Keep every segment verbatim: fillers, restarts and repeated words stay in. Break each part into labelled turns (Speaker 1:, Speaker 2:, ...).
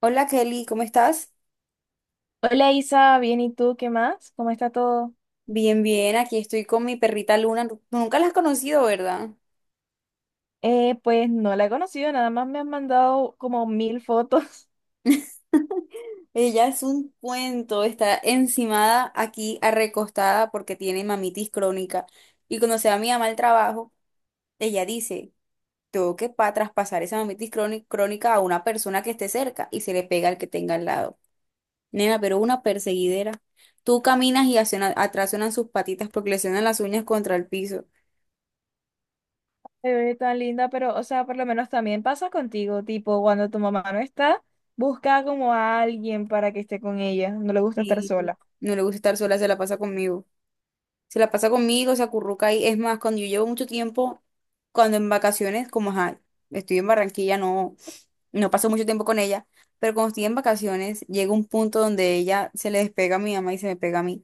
Speaker 1: Hola Kelly, ¿cómo estás?
Speaker 2: Hola Isa, bien, ¿y tú qué más? ¿Cómo está todo?
Speaker 1: Bien, bien, aquí estoy con mi perrita Luna. Tú nunca la has conocido, ¿verdad?
Speaker 2: Eh, pues no la he conocido, nada más me han mandado como mil fotos.
Speaker 1: Ella es un cuento, está encimada aquí, arrecostada porque tiene mamitis crónica. Y cuando se va mi mamá al trabajo, ella dice, tengo que pa traspasar esa mamitis croni- crónica a una persona que esté cerca y se le pega al que tenga al lado. Nena, pero una perseguidera. Tú caminas y hacia- atrás suenan sus patitas porque le suenan las uñas contra el piso.
Speaker 2: Te ve tan linda, pero o sea, por lo menos también pasa contigo, tipo, cuando tu mamá no está, busca como a alguien para que esté con ella, no le gusta estar
Speaker 1: Y
Speaker 2: sola.
Speaker 1: no le gusta estar sola, se la pasa conmigo. Se la pasa conmigo, se acurruca ahí. Es más, cuando yo llevo mucho tiempo, cuando en vacaciones, como ajá, estoy en Barranquilla, no, no paso mucho tiempo con ella, pero cuando estoy en vacaciones, llega un punto donde ella se le despega a mi mamá y se me pega a mí.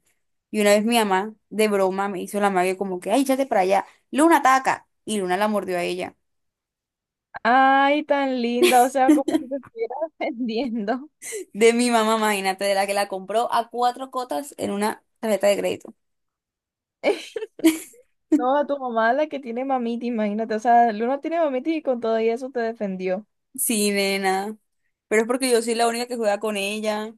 Speaker 1: Y una vez mi mamá, de broma, me hizo la magia como que, ay, échate para allá, Luna ataca. Y Luna la mordió a ella.
Speaker 2: Ay, tan linda, o sea, como si te estuviera vendiendo.
Speaker 1: De mi mamá, imagínate, de la que la compró a cuatro cotas en una tarjeta de crédito.
Speaker 2: No, a tu mamá la que tiene mamita, imagínate, o sea, Luna tiene mamita y con todo y eso te defendió.
Speaker 1: Sí, nena. Pero es porque yo soy la única que juega con ella.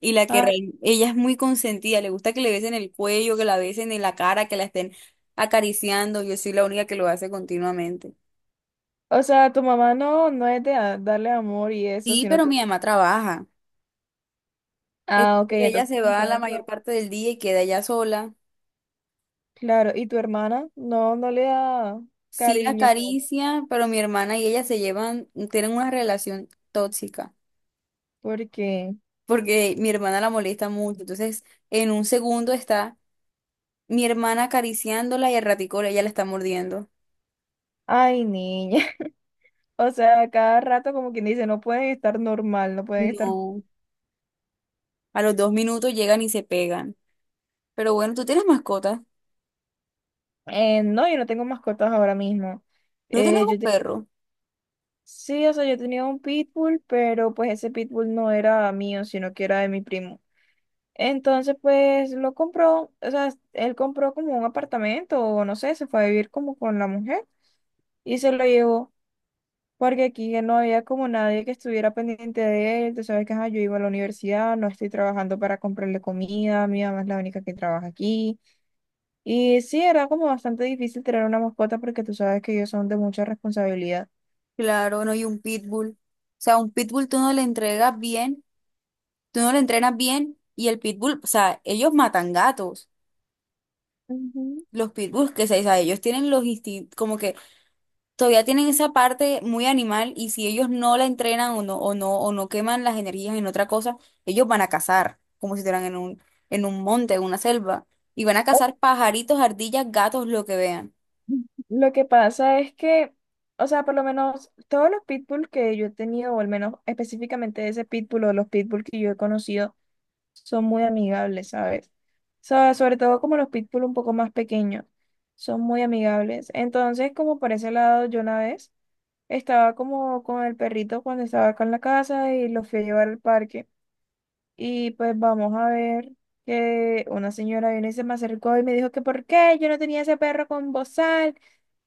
Speaker 1: Y la que
Speaker 2: Ah,
Speaker 1: rein- ella es muy consentida, le gusta que le besen el cuello, que la besen en la cara, que la estén acariciando. Yo soy la única que lo hace continuamente.
Speaker 2: o sea, tu mamá no, no es de a- darle amor y eso,
Speaker 1: Sí,
Speaker 2: sino.
Speaker 1: pero mi mamá trabaja. Entonces,
Speaker 2: Ah, ok,
Speaker 1: ella
Speaker 2: entonces
Speaker 1: se
Speaker 2: como
Speaker 1: va
Speaker 2: todo
Speaker 1: la mayor
Speaker 2: otro-
Speaker 1: parte del día y queda ella sola.
Speaker 2: claro, ¿y tu hermana? No, no le da
Speaker 1: Sí la
Speaker 2: cariño po-
Speaker 1: acaricia, pero mi hermana y ella se llevan, tienen una relación tóxica,
Speaker 2: porque,
Speaker 1: porque mi hermana la molesta mucho. Entonces, en un segundo está mi hermana acariciándola y al ratico ella la está mordiendo.
Speaker 2: ay, niña. O sea, cada rato como quien dice, no pueden estar normal, no pueden estar.
Speaker 1: No, a los dos minutos llegan y se pegan. Pero bueno, tú tienes mascota.
Speaker 2: Eh, no, yo no tengo mascotas ahora mismo.
Speaker 1: No tienes
Speaker 2: Eh,
Speaker 1: un
Speaker 2: yo te-
Speaker 1: perro.
Speaker 2: Sí, o sea, yo tenía un pitbull, pero pues ese pitbull no era mío, sino que era de mi primo. Entonces, pues lo compró, o sea, él compró como un apartamento, o no sé, se fue a vivir como con la mujer y se lo llevó. Porque aquí ya no había como nadie que estuviera pendiente de él. Tú sabes que ajá, yo iba a la universidad, no estoy trabajando para comprarle comida, mi mamá es la única que trabaja aquí. Y sí, era como bastante difícil tener una mascota porque tú sabes que ellos son de mucha responsabilidad.
Speaker 1: Claro, no, y un pitbull. O sea, un pitbull tú no le entregas bien, tú no le entrenas bien y el pitbull, o sea, ellos matan gatos.
Speaker 2: Ujú.
Speaker 1: Los pitbulls, que se, o sea, ellos tienen los instintos, como que todavía tienen esa parte muy animal y si ellos no la entrenan o no, o no, o no queman las energías en otra cosa, ellos van a cazar, como si estuvieran en un, en un monte, en una selva, y van a cazar pajaritos, ardillas, gatos, lo que vean.
Speaker 2: Lo que pasa es que, o sea, por lo menos todos los pitbull que yo he tenido, o al menos específicamente ese pitbull o los pitbull que yo he conocido, son muy amigables, ¿sabes? So- sobre todo como los pitbull un poco más pequeños, son muy amigables. Entonces, como por ese lado, yo una vez estaba como con el perrito cuando estaba acá en la casa y lo fui a llevar al parque. Y pues vamos a ver que una señora vino y se me acercó y me dijo que por qué yo no tenía ese perro con bozal,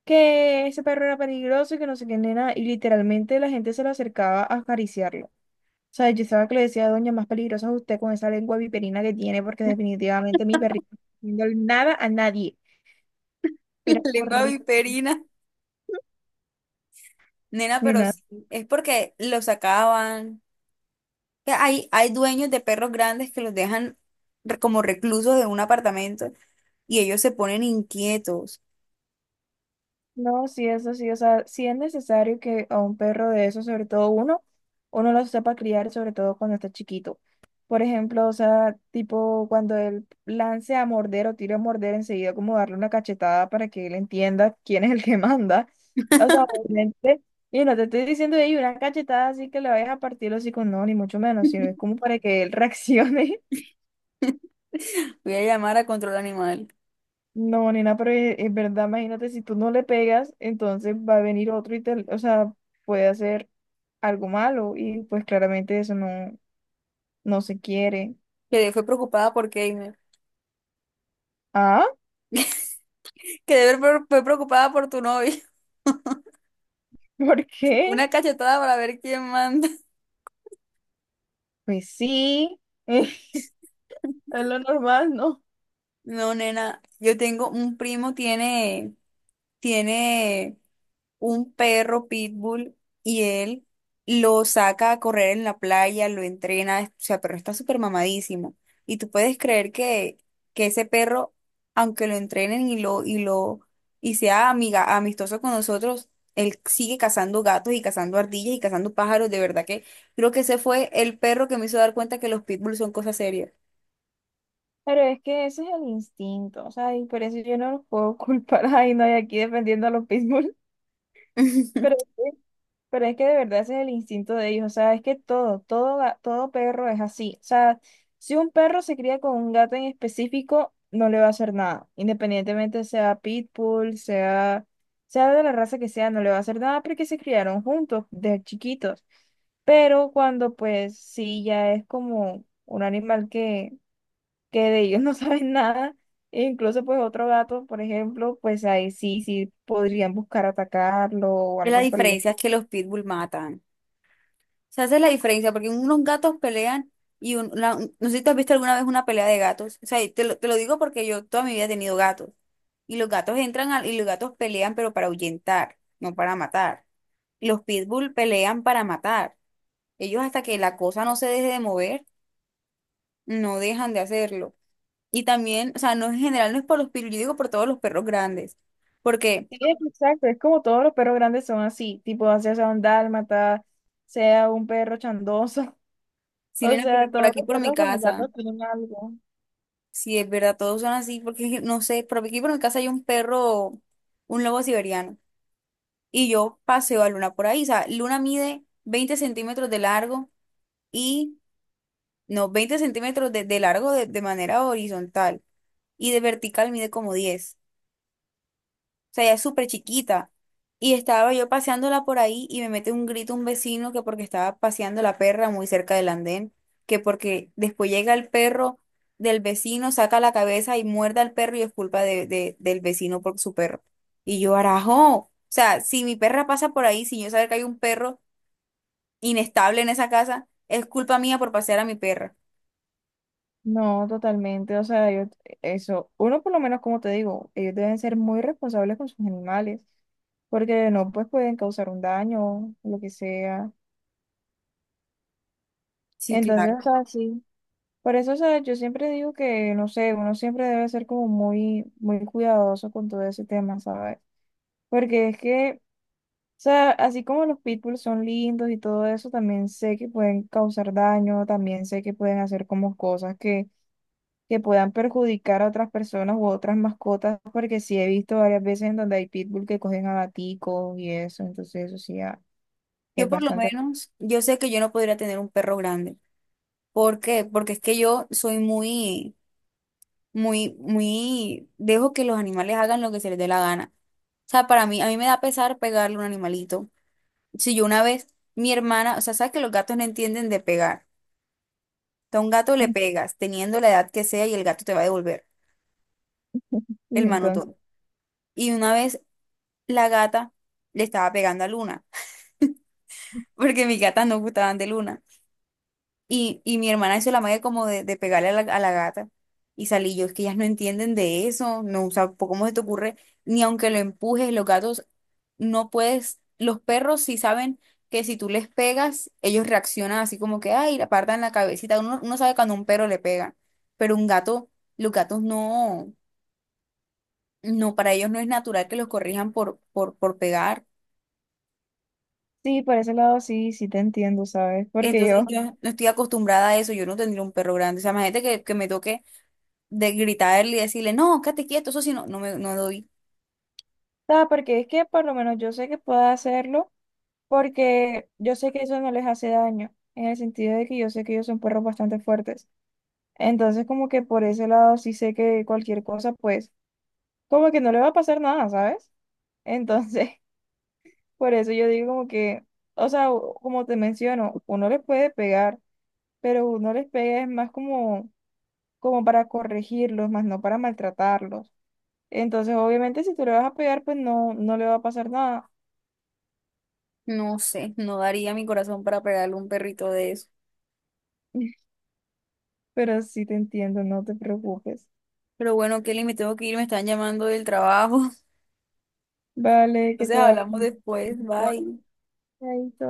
Speaker 2: que ese perro era peligroso y que no sé qué nena. Y literalmente la gente se lo acercaba a acariciarlo. O sea, yo estaba que le decía, a doña, más peligrosa es usted con esa lengua viperina que tiene, porque definitivamente mi perrito no está haciendo nada a nadie. Era
Speaker 1: Lengua
Speaker 2: horrible.
Speaker 1: viperina. Nena, pero sí, es porque los sacaban. Que Hay, hay dueños de perros grandes que los dejan re- como reclusos de un apartamento y ellos se ponen inquietos.
Speaker 2: No, sí, eso sí, o sea, sí es necesario que a un perro de eso, sobre todo uno, uno lo sepa criar, sobre todo cuando está chiquito. Por ejemplo, o sea, tipo cuando él lance a morder o tire a morder, enseguida como darle una cachetada para que él entienda quién es el que manda. O sea, obviamente, y no te estoy diciendo ahí una cachetada así que le vayas a partir los hocico, no, ni mucho menos, sino es como para que él reaccione.
Speaker 1: Voy a llamar a control animal.
Speaker 2: No, nena, pero es, es verdad, imagínate, si tú no le pegas, entonces va a venir otro y te, o sea, puede hacer algo malo y pues claramente eso no, no se quiere.
Speaker 1: Que fue preocupada por Keimer.
Speaker 2: ¿Ah?
Speaker 1: Que debe fue fue preocupada por tu novio.
Speaker 2: ¿Por qué?
Speaker 1: Una cachetada para ver quién manda.
Speaker 2: Pues sí, es lo normal, ¿no?
Speaker 1: No, nena, yo tengo un primo, tiene, tiene un perro pitbull y él lo saca a correr en la playa, lo entrena, o sea, pero está súper mamadísimo. Y tú puedes creer que, que ese perro, aunque lo entrenen y lo, y lo, y sea amiga, amistoso con nosotros, él sigue cazando gatos y cazando ardillas y cazando pájaros. De verdad que creo que ese fue el perro que me hizo dar cuenta que los pitbulls son cosas serias.
Speaker 2: Pero es que ese es el instinto, o sea, y por eso yo no los puedo culpar. Ay, no, y aquí defendiendo a los pitbull, pero sí. Pero es que de verdad ese es el instinto de ellos, o sea, es que todo, todo, ga- todo perro es así. O sea, si un perro se cría con un gato en específico, no le va a hacer nada. Independientemente sea pitbull, sea, sea de la raza que sea, no le va a hacer nada porque se criaron juntos, de chiquitos. Pero cuando pues sí, ya es como un animal que, que de ellos no saben nada, e incluso pues otro gato, por ejemplo, pues ahí sí, sí podrían buscar atacarlo o
Speaker 1: Y la
Speaker 2: algo por el
Speaker 1: diferencia es
Speaker 2: estilo.
Speaker 1: que los pitbull matan. Se hace la diferencia, porque unos gatos pelean y un- una- un- no sé si tú has visto alguna vez una pelea de gatos. O sea, y te lo, te lo digo porque yo toda mi vida he tenido gatos. Y los gatos entran al- y los gatos pelean, pero para ahuyentar, no para matar. Los pitbull pelean para matar. Ellos hasta que la cosa no se deje de mover, no dejan de hacerlo. Y también, o sea, no en general, no es por los pitbull, yo digo por todos los perros grandes. Porque,
Speaker 2: Sí, exacto, es como todos los perros grandes son así, tipo, ya sea un dálmata, sea un perro chandoso,
Speaker 1: si
Speaker 2: o
Speaker 1: nena, porque
Speaker 2: sea,
Speaker 1: por
Speaker 2: todos
Speaker 1: aquí,
Speaker 2: los
Speaker 1: por mi
Speaker 2: perros con los
Speaker 1: casa.
Speaker 2: gatos tienen algo.
Speaker 1: Sí, es verdad, todos son así, porque no sé, pero aquí por mi casa hay un perro, un lobo siberiano, y yo paseo a Luna por ahí. O sea, Luna mide veinte centímetros de largo y, no, veinte centímetros de, de largo de, de manera horizontal, y de vertical mide como diez sea, ella es súper chiquita. Y estaba yo paseándola por ahí y me mete un grito un vecino que porque estaba paseando la perra muy cerca del andén, que porque después llega el perro del vecino, saca la cabeza y muerde al perro y es culpa de, de- del vecino por su perro. Y yo, arajo, o sea, si mi perra pasa por ahí sin yo saber que hay un perro inestable en esa casa, es culpa mía por pasear a mi perra.
Speaker 2: No, totalmente, o sea, yo, eso, uno por lo menos, como te digo, ellos deben ser muy responsables con sus animales, porque no, pues pueden causar un daño, lo que sea.
Speaker 1: Sí,
Speaker 2: Entonces,
Speaker 1: claro.
Speaker 2: o sea, sí, por eso, o sea, yo siempre digo que, no sé, uno siempre debe ser como muy, muy cuidadoso con todo ese tema, ¿sabes? Porque es que... O sea, así como los pitbulls son lindos y todo eso, también sé que pueden causar daño, también sé que pueden hacer como cosas que, que puedan perjudicar a otras personas u otras mascotas, porque sí he visto varias veces en donde hay pitbull que cogen a gaticos y eso, entonces eso sí ah, es
Speaker 1: Yo por lo
Speaker 2: bastante...
Speaker 1: menos, yo sé que yo no podría tener un perro grande. ¿Por qué? Porque es que yo soy muy, muy, muy, dejo que los animales hagan lo que se les dé la gana. O sea, para mí, a mí me da pesar pegarle a un animalito. Si yo una vez, mi hermana, o sea, sabes que los gatos no entienden de pegar. A un gato le pegas, teniendo la edad que sea, y el gato te va a devolver el
Speaker 2: Y entonces,
Speaker 1: manotón. Y una vez la gata le estaba pegando a Luna, porque mis gatas no gustaban de Luna. Y, y mi hermana hizo la magia como de, de pegarle a la, a la gata. Y salí yo, es que ellas no entienden de eso, no, o sea, po- ¿cómo se te ocurre? Ni aunque lo empujes, los gatos no puedes, los perros sí saben que si tú les pegas, ellos reaccionan así como que, ay, le apartan la cabecita. Uno, uno sabe cuando un perro le pega, pero un gato, los gatos no, no, para ellos no es natural que los corrijan por, por, por pegar.
Speaker 2: sí, por ese lado sí, sí te entiendo, ¿sabes? Porque
Speaker 1: Entonces
Speaker 2: yo,
Speaker 1: yo no estoy acostumbrada a eso, yo no tendría un perro grande. O sea, imagínate que, que me toque de gritarle y decirle, no, quédate quieto, eso sí, no, no me no doy.
Speaker 2: ah, porque es que por lo menos yo sé que puedo hacerlo, porque yo sé que eso no les hace daño, en el sentido de que yo sé que ellos son perros bastante fuertes. Entonces, como que por ese lado sí sé que cualquier cosa, pues, como que no le va a pasar nada, ¿sabes? Entonces, por eso yo digo como que, o sea, u- como te menciono, uno les puede pegar, pero uno les pega es más como, como para corregirlos, más no para maltratarlos. Entonces, obviamente, si tú le vas a pegar, pues no, no le va a pasar nada.
Speaker 1: No sé, no daría mi corazón para pegarle a un perrito de eso.
Speaker 2: Pero sí te entiendo, no te preocupes.
Speaker 1: Pero bueno, Kelly, me tengo que ir, me están llamando del trabajo.
Speaker 2: Vale, que
Speaker 1: Entonces
Speaker 2: te vaya
Speaker 1: hablamos después,
Speaker 2: va
Speaker 1: bye.
Speaker 2: a